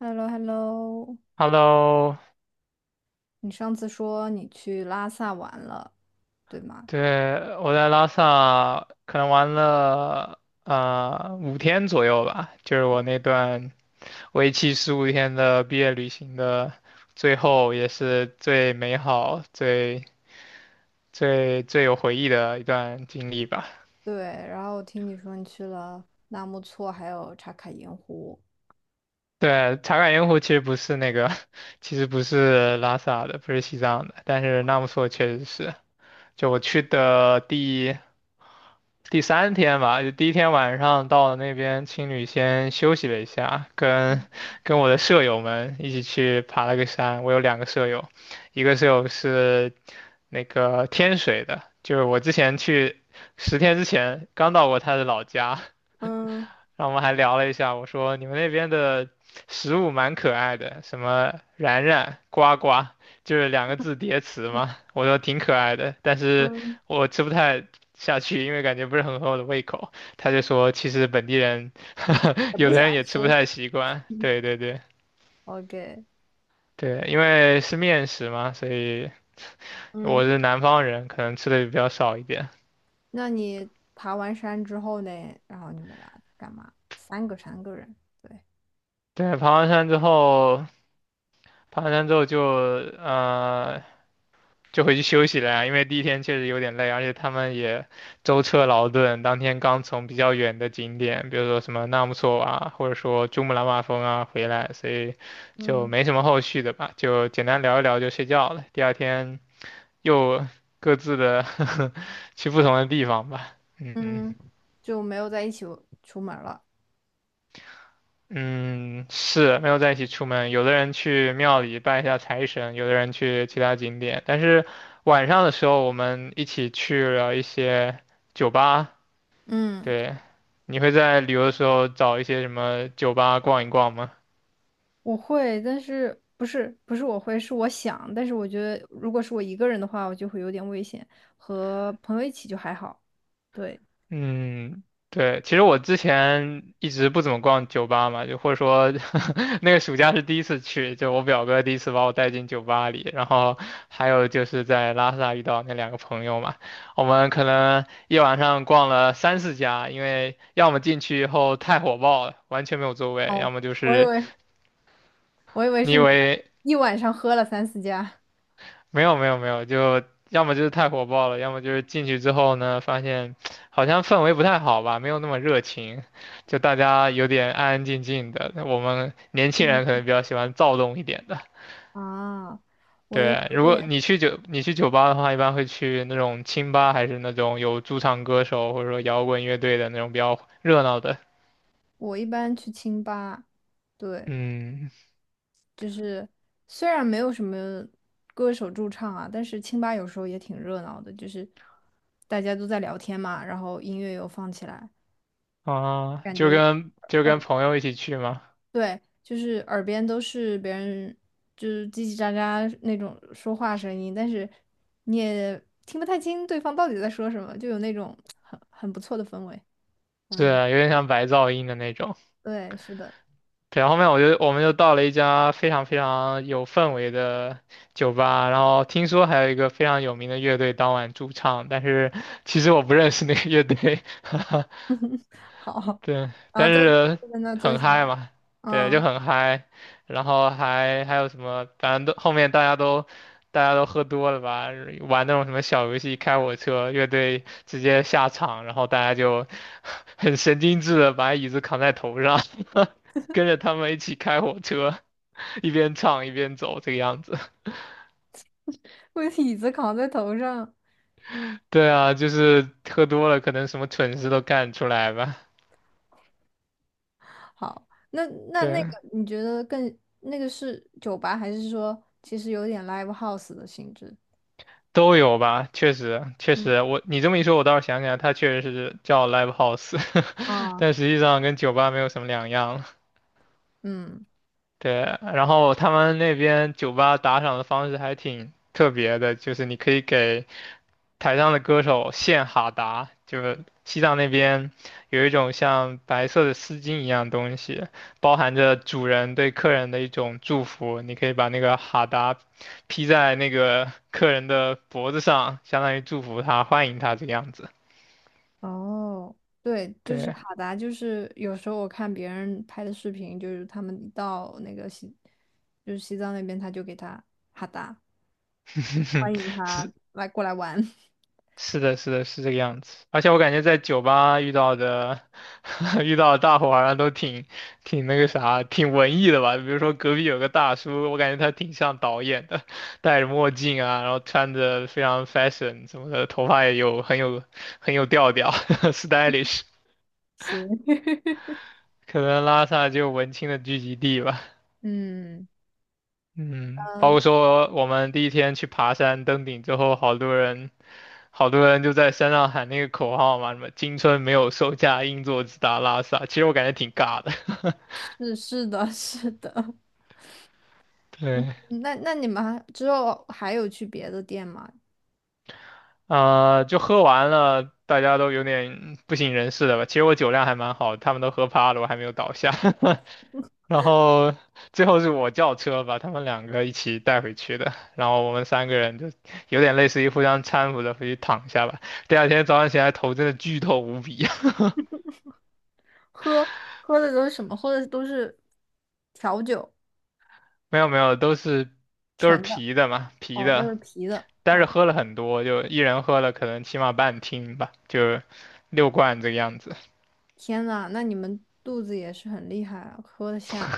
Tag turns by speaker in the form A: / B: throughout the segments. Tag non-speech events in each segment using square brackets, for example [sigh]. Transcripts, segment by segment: A: h e l l o h e l l o
B: Hello，
A: 你上次说你去拉萨玩了，对吗？
B: 对，我在拉萨可能玩了五天左右吧，就是我那段为期15天的毕业旅行的最后，也是最美好、最最有回忆的一段经历吧。
A: 对，然后我听你说你去了纳木错，还有茶卡盐湖。
B: 对，茶卡盐湖其实不是那个，[laughs] 其实不是拉萨的，不是西藏的，但是纳木错确实是，就我去的第。第三天吧，就第一天晚上到了那边，青旅先休息了一下，跟我的舍友们一起去爬了个山。我有两个舍友，一个舍友是那个天水的，就是我之前去10天之前刚到过他的老家。
A: 嗯
B: 然后我们还聊了一下，我说你们那边的食物蛮可爱的，什么然然、呱呱，就是两个字叠词嘛。我说挺可爱的，但是
A: 嗯，
B: 我吃不太下去，因为感觉不是很合我的胃口。他就说，其实本地人 [laughs]
A: 也不
B: 有的
A: 喜欢
B: 人也吃不
A: 吃。
B: 太习惯。
A: 嗯
B: 对对对
A: OK，
B: 对，因为是面食嘛，所以
A: 嗯，
B: 我是南方人，可能吃的比较少一点。
A: 那你爬完山之后呢？然后你们俩干嘛？三个人，对，
B: 对，爬完山之后呃就回去休息了呀，因为第一天确实有点累，而且他们也舟车劳顿，当天刚从比较远的景点，比如说什么纳木错啊，或者说珠穆朗玛峰啊回来，所以就
A: 嗯
B: 没什么后续的吧，就简单聊一聊就睡觉了。第二天又各自的 [laughs] 去不同的地方吧。嗯
A: 嗯，就没有在一起出门了。
B: 嗯，是没有在一起出门，有的人去庙里拜一下财神，有的人去其他景点，但是晚上的时候我们一起去了一些酒吧。
A: 嗯。
B: 对，你会在旅游的时候找一些什么酒吧逛一逛吗？
A: 我会，但是不是我会，是我想。但是我觉得，如果是我一个人的话，我就会有点危险。和朋友一起就还好。对，
B: 嗯，对，其实我之前一直不怎么逛酒吧嘛，就或者说 [laughs] 那个暑假是第一次去，就我表哥第一次把我带进酒吧里，然后还有就是在拉萨遇到那两个朋友嘛，我们可能一晚上逛了三四家，因为要么进去以后太火爆了，完全没有座位，
A: 哦，
B: 要么就
A: 我以
B: 是
A: 为 [laughs] 我以为
B: 你
A: 是
B: 以
A: 你们
B: 为
A: 一晚上喝了三四家。
B: 没有没有没有，就要么就是太火爆了，要么就是进去之后呢，发现好像氛围不太好吧，没有那么热情，就大家有点安安静静的。我们年轻
A: 嗯，
B: 人可能比较喜欢躁动一点的。
A: 啊，我的
B: 对，
A: 有
B: 如果
A: 点，
B: 你去酒吧的话，一般会去那种清吧，还是那种有驻唱歌手或者说摇滚乐队的那种比较热闹的。
A: 我一般去清吧，对，
B: 嗯
A: 就是虽然没有什么歌手驻唱啊，但是清吧有时候也挺热闹的，就是大家都在聊天嘛，然后音乐又放起来，
B: 啊，
A: 感
B: 就
A: 觉。
B: 跟就跟朋友一起去嘛。
A: 对，就是耳边都是别人就是叽叽喳喳那种说话声音，但是你也听不太清对方到底在说什么，就有那种很不错的氛围。
B: 对，
A: 嗯，
B: 有点像白噪音的那种。
A: 对，是的，
B: 对，后面我们就到了一家非常非常有氛围的酒吧，然后听说还有一个非常有名的乐队当晚驻唱，但是其实我不认识那个乐队。[laughs]
A: 好，
B: 对，
A: 然后
B: 但
A: 在
B: 是
A: 就在那坐
B: 很
A: 下
B: 嗨
A: 了，
B: 嘛，对，就
A: 嗯，
B: 很嗨，然后还有什么，反正都后面大家都喝多了吧，玩那种什么小游戏，开火车，乐队直接下场，然后大家就 [laughs] 很神经质的把椅子扛在头上，[laughs] 跟着他们一起开火车，一边唱一边走，这个样子。[laughs]
A: 我的椅子扛在头上。
B: 对啊，就是喝多了，可能什么蠢事都干出来吧。
A: 好，那
B: [laughs]
A: 那个
B: 对，
A: 你觉得更那个是酒吧，还是说其实有点 live house 的性质？
B: 都有吧，确实，确
A: 嗯
B: 实，我你这么一说，我倒是想起来，它确实是叫 live house，[laughs]
A: 啊，
B: 但实际上跟酒吧没有什么两样。
A: 嗯。
B: 对，然后他们那边酒吧打赏的方式还挺特别的，就是你可以给台上的歌手献哈达，就是西藏那边有一种像白色的丝巾一样东西，包含着主人对客人的一种祝福。你可以把那个哈达披在那个客人的脖子上，相当于祝福他、欢迎他这个样子。
A: 哦，对，就是
B: 对，
A: 哈达，就是有时候我看别人拍的视频，就是他们一到那个西，就是西藏那边，他就给他哈达，欢迎
B: [laughs] 是
A: 他来过来玩。[laughs]
B: 是的，是的，是这个样子。而且我感觉在酒吧遇到的，[laughs] 遇到的大伙好像都挺那个啥，挺文艺的吧。比如说隔壁有个大叔，我感觉他挺像导演的，戴着墨镜啊，然后穿着非常 fashion 什么的，头发也有很有调调 [laughs]，stylish。
A: 行，[laughs]
B: 可能拉萨就文青的聚集地吧。
A: 嗯
B: 嗯，包
A: 嗯，
B: 括说我们第一天去爬山登顶之后，好多人就在山上喊那个口号嘛，什么“青春没有售价，硬座直达拉萨”。其实我感觉挺尬的。
A: 是是的，[laughs] 是的。
B: [laughs] 对，
A: 那你们之后还有去别的店吗？
B: 就喝完了，大家都有点不省人事了吧？其实我酒量还蛮好，他们都喝趴了，我还没有倒下。[laughs] 然后最后是我叫车把他们两个一起带回去的，然后我们三个人就有点类似于互相搀扶着回去躺下吧。第二天早上起来头真的剧痛无比啊。
A: 喝喝的都是什么？喝的都是调酒，
B: [laughs] 没有没有，都是
A: 纯的，
B: 啤的嘛，啤
A: 哦，都
B: 的。
A: 是啤的。
B: 但是喝了很多，就一人喝了可能起码半听吧，就6罐这个样子。
A: 天呐，那你们肚子也是很厉害啊，喝得下。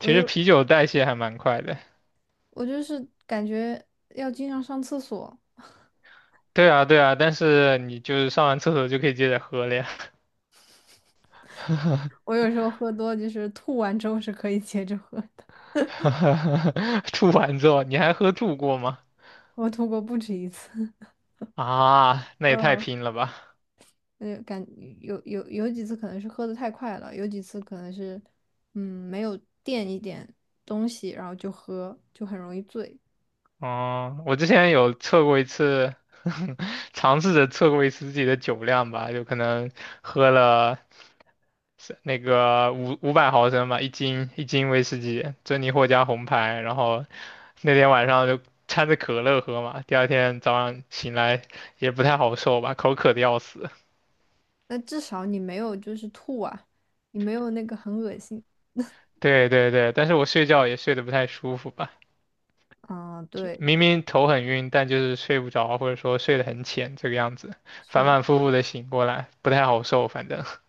A: 我
B: 其实
A: 就。
B: 啤酒代谢还蛮快的，
A: 我就是感觉要经常上厕所。
B: 对啊对啊，但是你就是上完厕所就可以接着喝了呀。[laughs]
A: 我有时候喝多，就是吐完之后是可以接着喝的。
B: [laughs] 吐完之后你还喝吐过吗？
A: 我吐过不止一次，
B: 啊，
A: [laughs]
B: 那也太
A: 嗯，
B: 拼了吧！
A: 感有有几次可能是喝的太快了，有几次可能是嗯没有垫一点东西，然后就喝，就很容易醉。
B: 哦，我之前有测过一次，[laughs] 尝试着测过一次自己的酒量吧，就可能喝了是那个500毫升吧，一斤威士忌，珍妮获加红牌，然后那天晚上就掺着可乐喝嘛，第二天早上醒来也不太好受吧，口渴的要死。
A: 那至少你没有就是吐啊，你没有那个很恶心。
B: [laughs] 对对对，但是我睡觉也睡得不太舒服吧。
A: 啊，
B: 就
A: 对，
B: 明明头很晕，但就是睡不着，或者说睡得很浅，这个样子，
A: 是
B: 反
A: 的。
B: 反复复的醒过来，不太好受。反正 [laughs]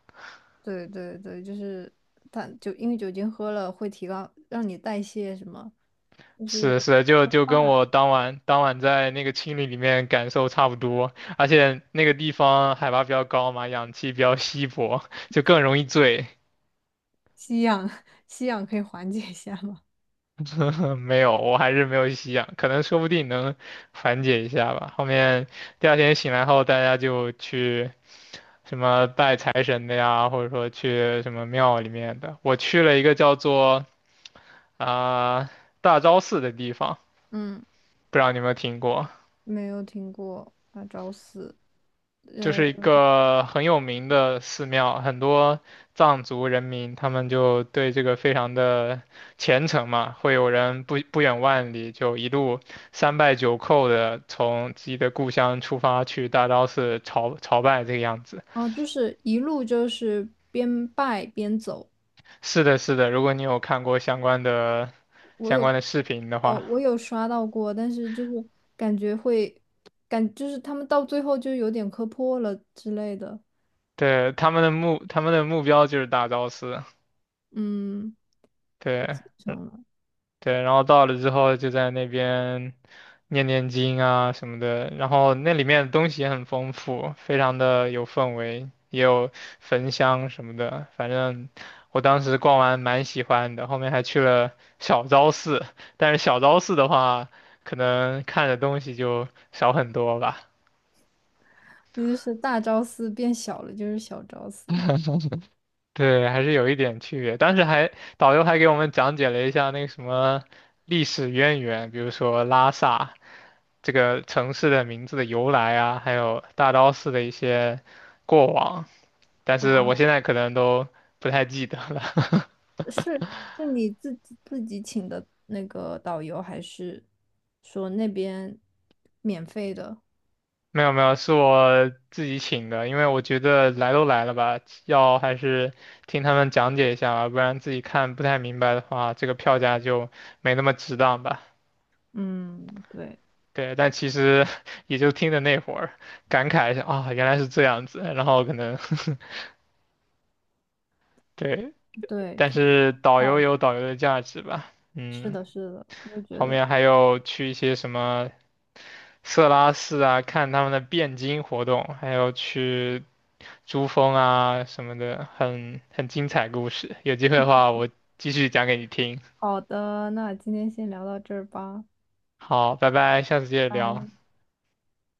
A: 对对对，就是它就因为酒精喝了会提高，让你代谢什么，就
B: 是
A: 是
B: 的是的，就跟我当晚在那个青旅里面感受差不多，而且那个地方海拔比较高嘛，氧气比较稀薄，就更容易醉。[laughs]
A: 吸氧，[laughs] 吸氧可以缓解一下吗？
B: 嗯，没有，我还是没有吸氧，可能说不定能缓解一下吧。后面第二天醒来后，大家就去。什么拜财神的呀，或者说去什么庙里面的。我去了一个叫做啊、大昭寺的地方，
A: 嗯，
B: 不知道你有没有听过，
A: 没有听过啊，找死。
B: 就
A: 呃，
B: 是一个很有名的寺庙，很多藏族人民他们就对这个非常的虔诚嘛，会有人不远万里就一路三拜九叩的从自己的故乡出发去大昭寺朝拜这个样子。
A: 哦，就是一路就是边拜边走，
B: 是的，是的，如果你有看过相关的
A: 我有
B: 视频的
A: 有
B: 话，
A: 我有刷到过，但是就是感觉会感就是他们到最后就有点磕破了之类的，
B: 对，他们的目标就是大昭寺，
A: 嗯，太
B: 对。
A: 虔诚了。
B: 对，然后到了之后就在那边念念经啊什么的，然后那里面的东西也很丰富，非常的有氛围，也有焚香什么的，反正我当时逛完蛮喜欢的，后面还去了小昭寺，但是小昭寺的话，可能看的东西就少很多吧。
A: 那就是大昭寺变小了，就是小昭寺。
B: 对，还是有一点区别。当时还导游还给我们讲解了一下那个什么历史渊源，比如说拉萨，这个城市的名字的由来啊，还有大昭寺的一些过往，但是我
A: 啊。
B: 现在可能都不太记得了。[laughs]
A: 是你自己请的那个导游，还是说那边免费的？
B: 没有没有，是我自己请的，因为我觉得来都来了吧，要还是听他们讲解一下吧，不然自己看不太明白的话，这个票价就没那么值当吧。
A: 嗯，对
B: 对，但其实 [laughs] 也就听的那会儿，感慨一下啊，原来是这样子，然后可能 [laughs] 对，
A: 对，
B: 但
A: 挺
B: 是导
A: 好
B: 游
A: 的。
B: 有导游的价值吧，
A: 是
B: 嗯。
A: 的，是的，我也觉
B: 后
A: 得。
B: 面还有去一些什么色拉寺啊，看他们的汴京活动，还有去珠峰啊什么的，很精彩故事。有机会的话，我继续讲给你听。
A: 好的，那今天先聊到这儿吧。
B: 好，拜拜，下次接着聊。
A: 拜。